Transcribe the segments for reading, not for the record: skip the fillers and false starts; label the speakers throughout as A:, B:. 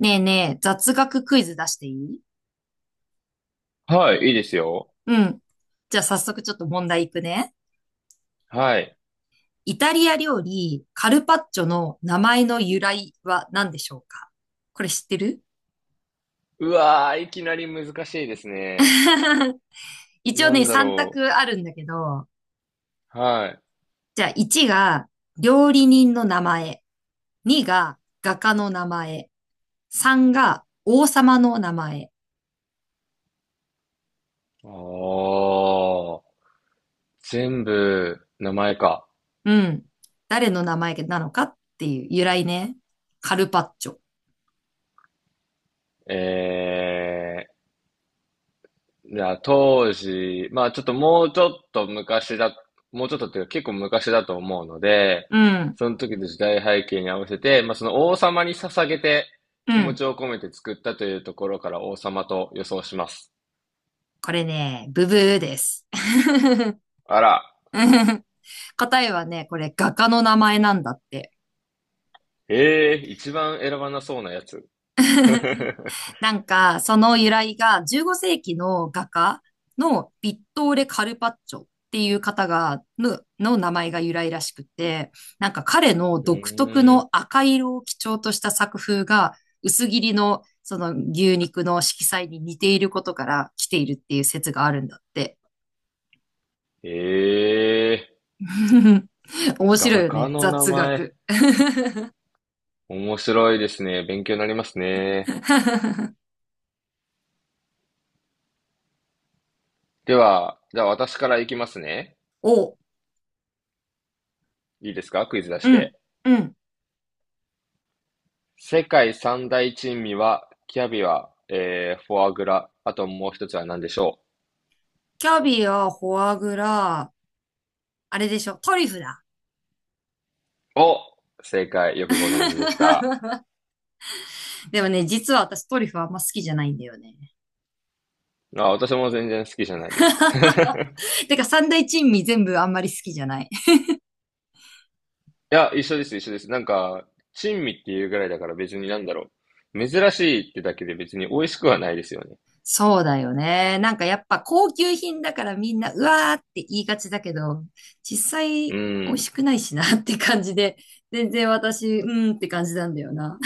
A: ねえねえ、雑学クイズ出していい？
B: はい、いいですよ。
A: うん。じゃあ早速ちょっと問題いくね。
B: はい。
A: イタリア料理、カルパッチョの名前の由来は何でしょうか？これ知ってる？
B: うわー、いきなり難しいですね。
A: 一応
B: な
A: ね、
B: んだ
A: 3択
B: ろ
A: あるんだけど、
B: う。はい。
A: じゃあ1が料理人の名前、2が画家の名前、3が王様の名前。
B: ああ、全部、名前か。
A: うん。誰の名前なのかっていう由来ね。カルパッチョ。
B: えじゃあ当時、まあちょっともうちょっと昔だ、もうちょっとっていうか結構昔だと思うので、
A: うん。
B: その時の時代背景に合わせて、まあその王様に捧げて
A: う
B: 気持
A: ん。
B: ちを込めて作ったというところから王様と予想します。
A: これね、ブブーです。
B: あら、
A: 答えはね、これ画家の名前なんだって。
B: えー、一番選ばなそうなやつ。う
A: なんか、その由来が15世紀の画家のヴィットーレ・カルパッチョっていう方が、の名前が由来らしくて、なんか彼の独特
B: ーん。
A: の赤色を基調とした作風が薄切りのその牛肉の色彩に似ていることから来ているっていう説があるんだって。
B: ええ
A: 面白
B: 画
A: いよ
B: 家
A: ね。
B: の名
A: 雑
B: 前。
A: 学。
B: 面白いですね。勉強になりますね。では、じゃあ私からいきますね。
A: お、う
B: いいですか、クイズ出し
A: ん、
B: て。
A: うん。
B: 世界三大珍味は、キャビア、フォアグラ、あともう一つは何でしょ
A: キャビア、フォアグラ、あれでしょ、トリュフだ。
B: う？お、正解、よくご存知でした。
A: でもね、実は私トリュフあんま好きじゃないんだよね。
B: あ、私も全然好きじゃないです。
A: てか三大珍味全部あんまり好きじゃない。
B: いや、一緒です、一緒です。なんか、珍味っていうぐらいだから別になんだろう。珍しいってだけで別に美味しくはないですよね。
A: そうだよね。なんかやっぱ高級品だからみんな、うわーって言いがちだけど、実際
B: う
A: 美味
B: ん。
A: しくないしなって感じで、全然私、うんって感じなんだよな。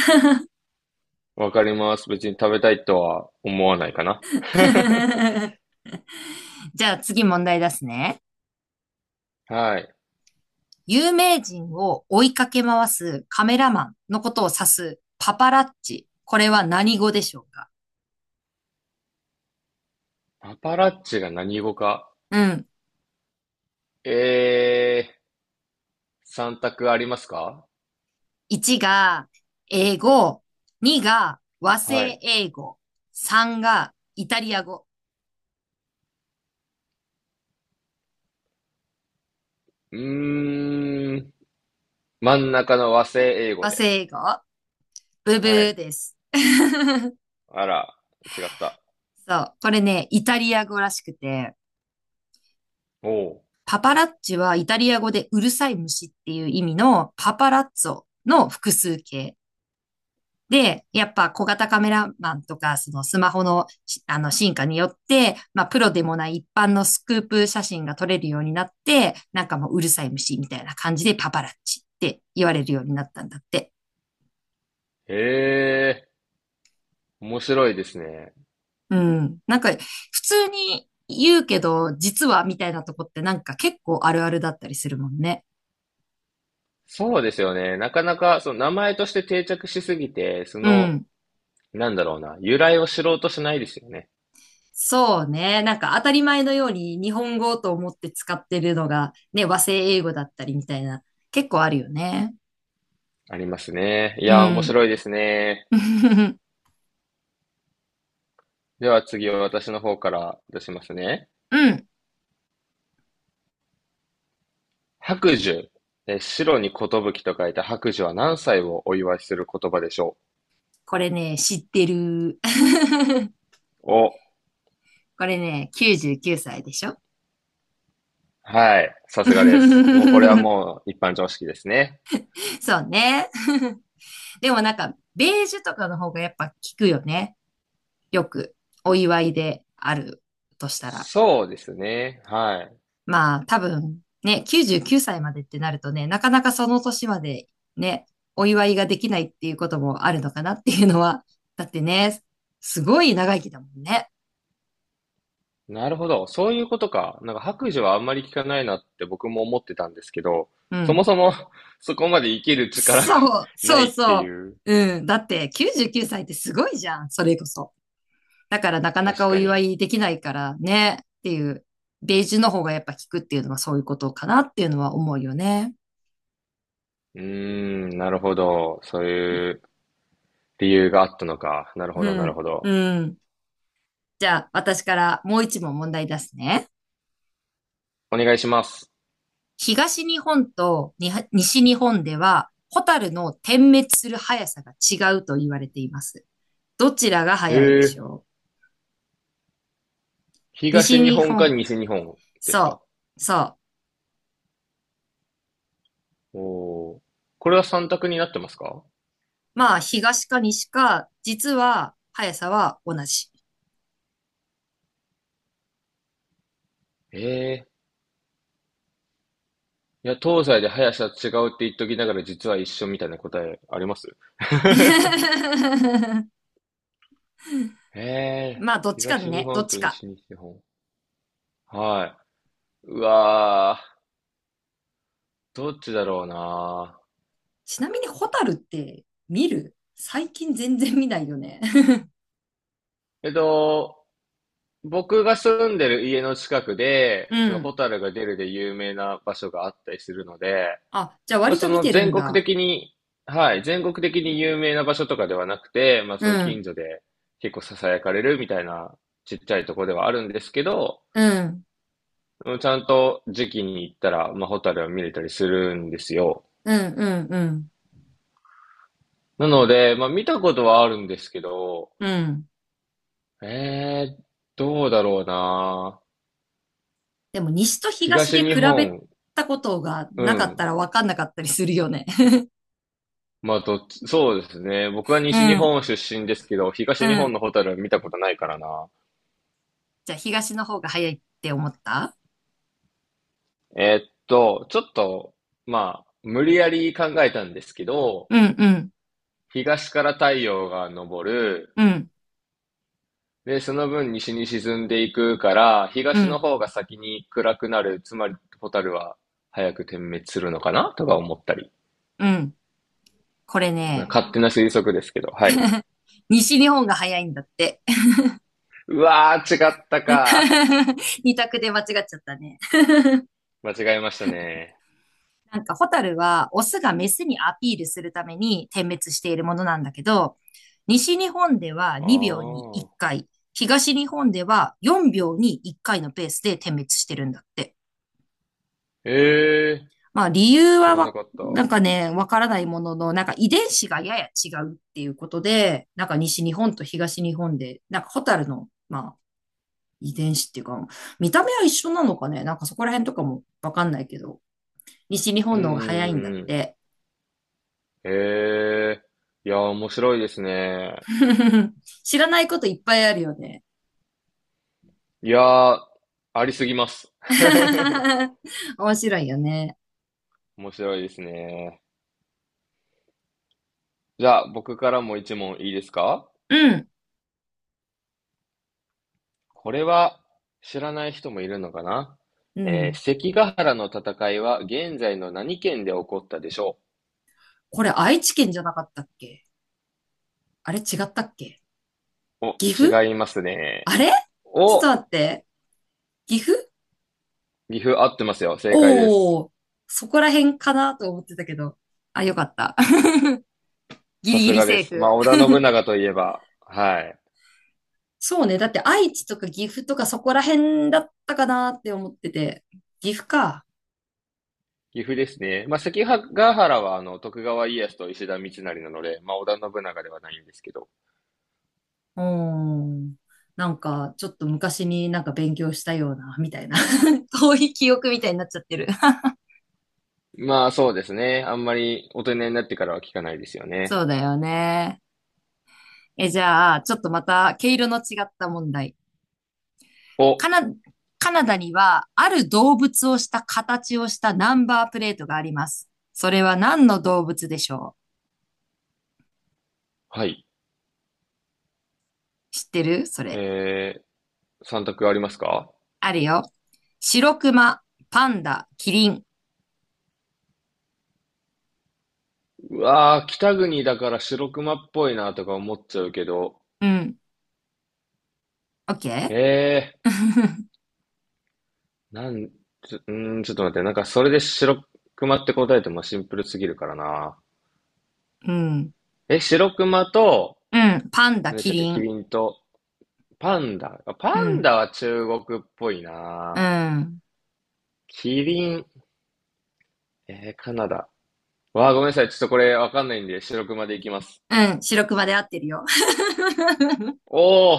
B: わかります。別に食べたいとは思わないかな。
A: じゃあ次問題出すね。
B: はい。
A: 有名人を追いかけ回すカメラマンのことを指すパパラッチ。これは何語でしょうか？
B: パパラッチが何語か。
A: うん。
B: えー、三択ありますか？
A: 1が英語、2が和
B: は
A: 製
B: い。
A: 英語、3がイタリア語。
B: うーん。真ん中の和製英
A: 和
B: 語で。
A: 製英語？ブブ
B: は
A: ー
B: い。
A: です。
B: あら、違った。
A: そう。これね、イタリア語らしくて、
B: おう。
A: パパラッチはイタリア語でうるさい虫っていう意味のパパラッツォの複数形。で、やっぱ小型カメラマンとか、そのスマホの進化によって、まあプロでもない一般のスクープ写真が撮れるようになって、なんかもううるさい虫みたいな感じでパパラッチって言われるようになったんだって。
B: へえ、面白いですね。
A: うん。なんか普通に言うけど、実はみたいなとこってなんか結構あるあるだったりするもんね。
B: そうですよね。なかなか、その名前として定着しすぎて、そ
A: う
B: の、
A: ん。
B: なんだろうな、由来を知ろうとしないですよね。
A: そうね。なんか当たり前のように日本語と思って使ってるのがね、和製英語だったりみたいな、結構あるよね。
B: ありますね。い
A: う
B: やー、面
A: ん。
B: 白いですね。では次は私の方から出しますね。
A: うん。
B: 白寿。えー、白に寿と書いた白寿は何歳をお祝いする言葉でしょ
A: これね、知ってる。
B: う？お、
A: これね、99歳でしょ？
B: はい。さすがです。もうこれは もう一般常識ですね。
A: そうね。でもなんか、ベージュとかの方がやっぱ効くよね。よく、お祝いであるとしたら。
B: そうですね。はい。
A: まあ、多分、ね、99歳までってなるとね、なかなかその年までね、お祝いができないっていうこともあるのかなっていうのは。だってね、すごい長生きだもんね。
B: なるほど。そういうことか。なんか白寿はあんまり聞かないなって僕も思ってたんですけど、
A: う
B: そ
A: ん。
B: もそも そこまで生きる力が
A: そう、
B: な
A: そう
B: いってい
A: そ
B: う。
A: う。うん。だって99歳ってすごいじゃん。それこそ。だからなかなか
B: 確
A: お
B: か
A: 祝
B: に。
A: いできないからね。っていう、ベージュの方がやっぱ効くっていうのはそういうことかなっていうのは思うよね。
B: うーん、なるほど。そういう理由があったのか。なるほど、な
A: う
B: る
A: ん。
B: ほど。
A: うん。じゃあ、私からもう一問問題出すね。
B: お願いします。
A: 東日本とに西日本では、ホタルの点滅する速さが違うと言われています。どちらが
B: へ
A: 速いでし
B: え、
A: ょう？西
B: 東日
A: 日
B: 本か
A: 本、
B: 西日本ですか？
A: そう、そう。
B: おおー、これは三択になってますか？
A: まあ、東か西か、実は速さは同じ。
B: ええ、いや、東西で速さ違うって言っときながら実は一緒みたいな答えあります？ ええ、
A: まあ、どっちか
B: 東日
A: ね、どっ
B: 本
A: ち
B: と
A: か。
B: 西日本。はい。うわー、どっちだろうな。
A: ちなみに、ホタルって見る最近全然見ないよね。
B: えっと、僕が住んでる家の近く
A: う
B: で、その
A: ん。
B: ホタルが出るで有名な場所があったりするので、
A: あ、じゃあ
B: まあ、
A: 割
B: そ
A: と見
B: の
A: てる
B: 全
A: ん
B: 国
A: だ。
B: 的に、はい、全国的に有名な場所とかではなくて、まあ、そ
A: う
B: の近
A: ん、
B: 所で結構ささやかれるみたいなちっちゃいとこではあるんですけど、
A: うん、
B: うん、ちゃんと時期に行ったら、まあ、ホタルは見れたりするんですよ。
A: うん、うん、う
B: なので、まあ、見たことはあるんですけど、
A: ん、うん。
B: えー、どうだろうな。
A: でも、西と東で
B: 東日
A: 比べ
B: 本、
A: たことが
B: う
A: なかった
B: ん。
A: ら分かんなかったりするよね。
B: まあ、どっち、そうですね。僕は
A: う
B: 西日
A: ん、
B: 本出身ですけど、
A: う
B: 東日本
A: ん。
B: のホタルは見たことないからな。
A: じゃあ、東の方が早いって思った？
B: えーっと、ちょっと、まあ、無理やり考えたんですけど、
A: うん、うん、
B: 東から太陽が昇る、
A: うん、
B: で、その分西に沈んでいくから、
A: う
B: 東の
A: ん、
B: 方が先に暗くなる、つまり蛍は早く点滅するのかなとか思ったり。
A: うん。これ
B: まあ
A: ね、
B: 勝手な推測ですけど、はい。
A: 西日本が早いんだって。
B: うわー、違ったか。
A: 二択で間違っちゃったね。
B: 間違えましたね。
A: なんか、ホタルは、オスがメスにアピールするために点滅しているものなんだけど、西日本では
B: あ
A: 2秒に1
B: ー。
A: 回、東日本では4秒に1回のペースで点滅してるんだって。
B: えー、
A: まあ、理由
B: 知
A: は
B: らな
A: わ、
B: かった。
A: なんかね、わからないものの、なんか遺伝子がやや違うっていうことで、なんか西日本と東日本で、なんかホタルの、まあ、遺伝子っていうか、見た目は一緒なのかね？なんかそこら辺とかもわかんないけど、西日
B: うん
A: 本
B: う
A: の方
B: ん
A: が早い
B: う
A: んだっ
B: んうん。
A: て。
B: えー、いやー、面白いですね。
A: 知らないこといっぱいあるよね。
B: いやー、ありすぎます。
A: 面白いよね。
B: 面白いですね。じゃあ、僕からも一問いいですか？
A: うん、
B: これは知らない人もいるのかな。
A: う
B: えー、
A: ん。
B: 関ヶ原の戦いは現在の何県で起こったでしょ
A: これ愛知県じゃなかったっけ？あれ違ったっけ？
B: う？
A: 岐阜？
B: お、違いますね。
A: あれ？ちょっと
B: お、
A: 待って。岐阜？
B: 岐阜合ってますよ。正解です。
A: おー、そこら辺かなと思ってたけど。あ、よかった。ギリ
B: さ
A: ギ
B: す
A: リ
B: がで
A: セー
B: す。まあ、
A: フ。
B: 織田信長といえば、はい。
A: そうね。だって愛知とか岐阜とかそこら辺だったかなって思ってて。岐阜か。
B: 岐阜ですね。まあ、関ヶ原は、あの、徳川家康と石田三成なので、まあ、織田信長ではないんですけど。
A: うーん。なんか、ちょっと昔になんか勉強したような、みたいな。遠い記憶みたいになっちゃってる。
B: まあそうですね。あんまり大人になってからは聞かないですよ
A: そ
B: ね。
A: うだよね。え、じゃあ、ちょっとまた毛色の違った問題。
B: お、
A: カナ、カナダには、ある動物をした形をしたナンバープレートがあります。それは何の動物でしょう？
B: はい。
A: 知ってるそれ。
B: えー、3択ありますか？
A: あるよ。白熊、パンダ、キリン。
B: うわー、北国だから白熊っぽいなとか思っちゃうけど、
A: うん。オッケ
B: え
A: ー？
B: ー、なん、ちょ、うーん、ちょっと待って、なんかそれで白熊って答えてもシンプルすぎるからな。
A: うん。
B: え、白熊と、
A: うん。パンダ、
B: 何でし
A: キ
B: たっけ、
A: リ
B: キ
A: ン。
B: リンと、パンダ。あ、
A: う
B: パン
A: ん。
B: ダは中国っぽい
A: う
B: な。
A: ん。
B: キリン、えー、カナダ。わあ、ごめんなさい。ちょっとこれわかんないんで、白熊でいきます。
A: うん。白熊で合ってるよ。
B: おお、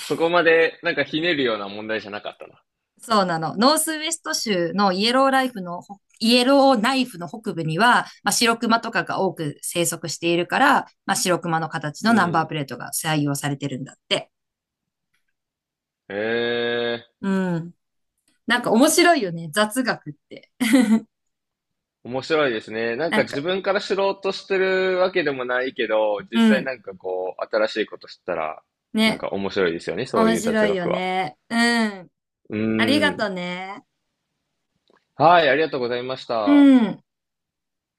B: そこまでなんかひねるような問題じゃなかったな。
A: そうなの。ノースウェスト州のイエローライフのイエローナイフの北部には、まあ、白熊とかが多く生息しているから、まあ、白熊の形
B: う
A: のナンバープ
B: ん。
A: レートが採用されてるんだって。
B: へえ、
A: うん。なんか面白いよね。雑学って。
B: 面白いですね。なん
A: な
B: か
A: んか、
B: 自分から知ろうとしてるわけでもないけど、実
A: う
B: 際
A: ん。
B: なんかこう、新しいこと知ったら、なん
A: ね。
B: か面白いですよね、そう
A: 面
B: いう雑
A: 白いよ
B: 学は。
A: ね。うん。
B: う
A: ありが
B: ん。
A: とね。
B: はい、ありがとうございまし
A: う
B: た。
A: ん。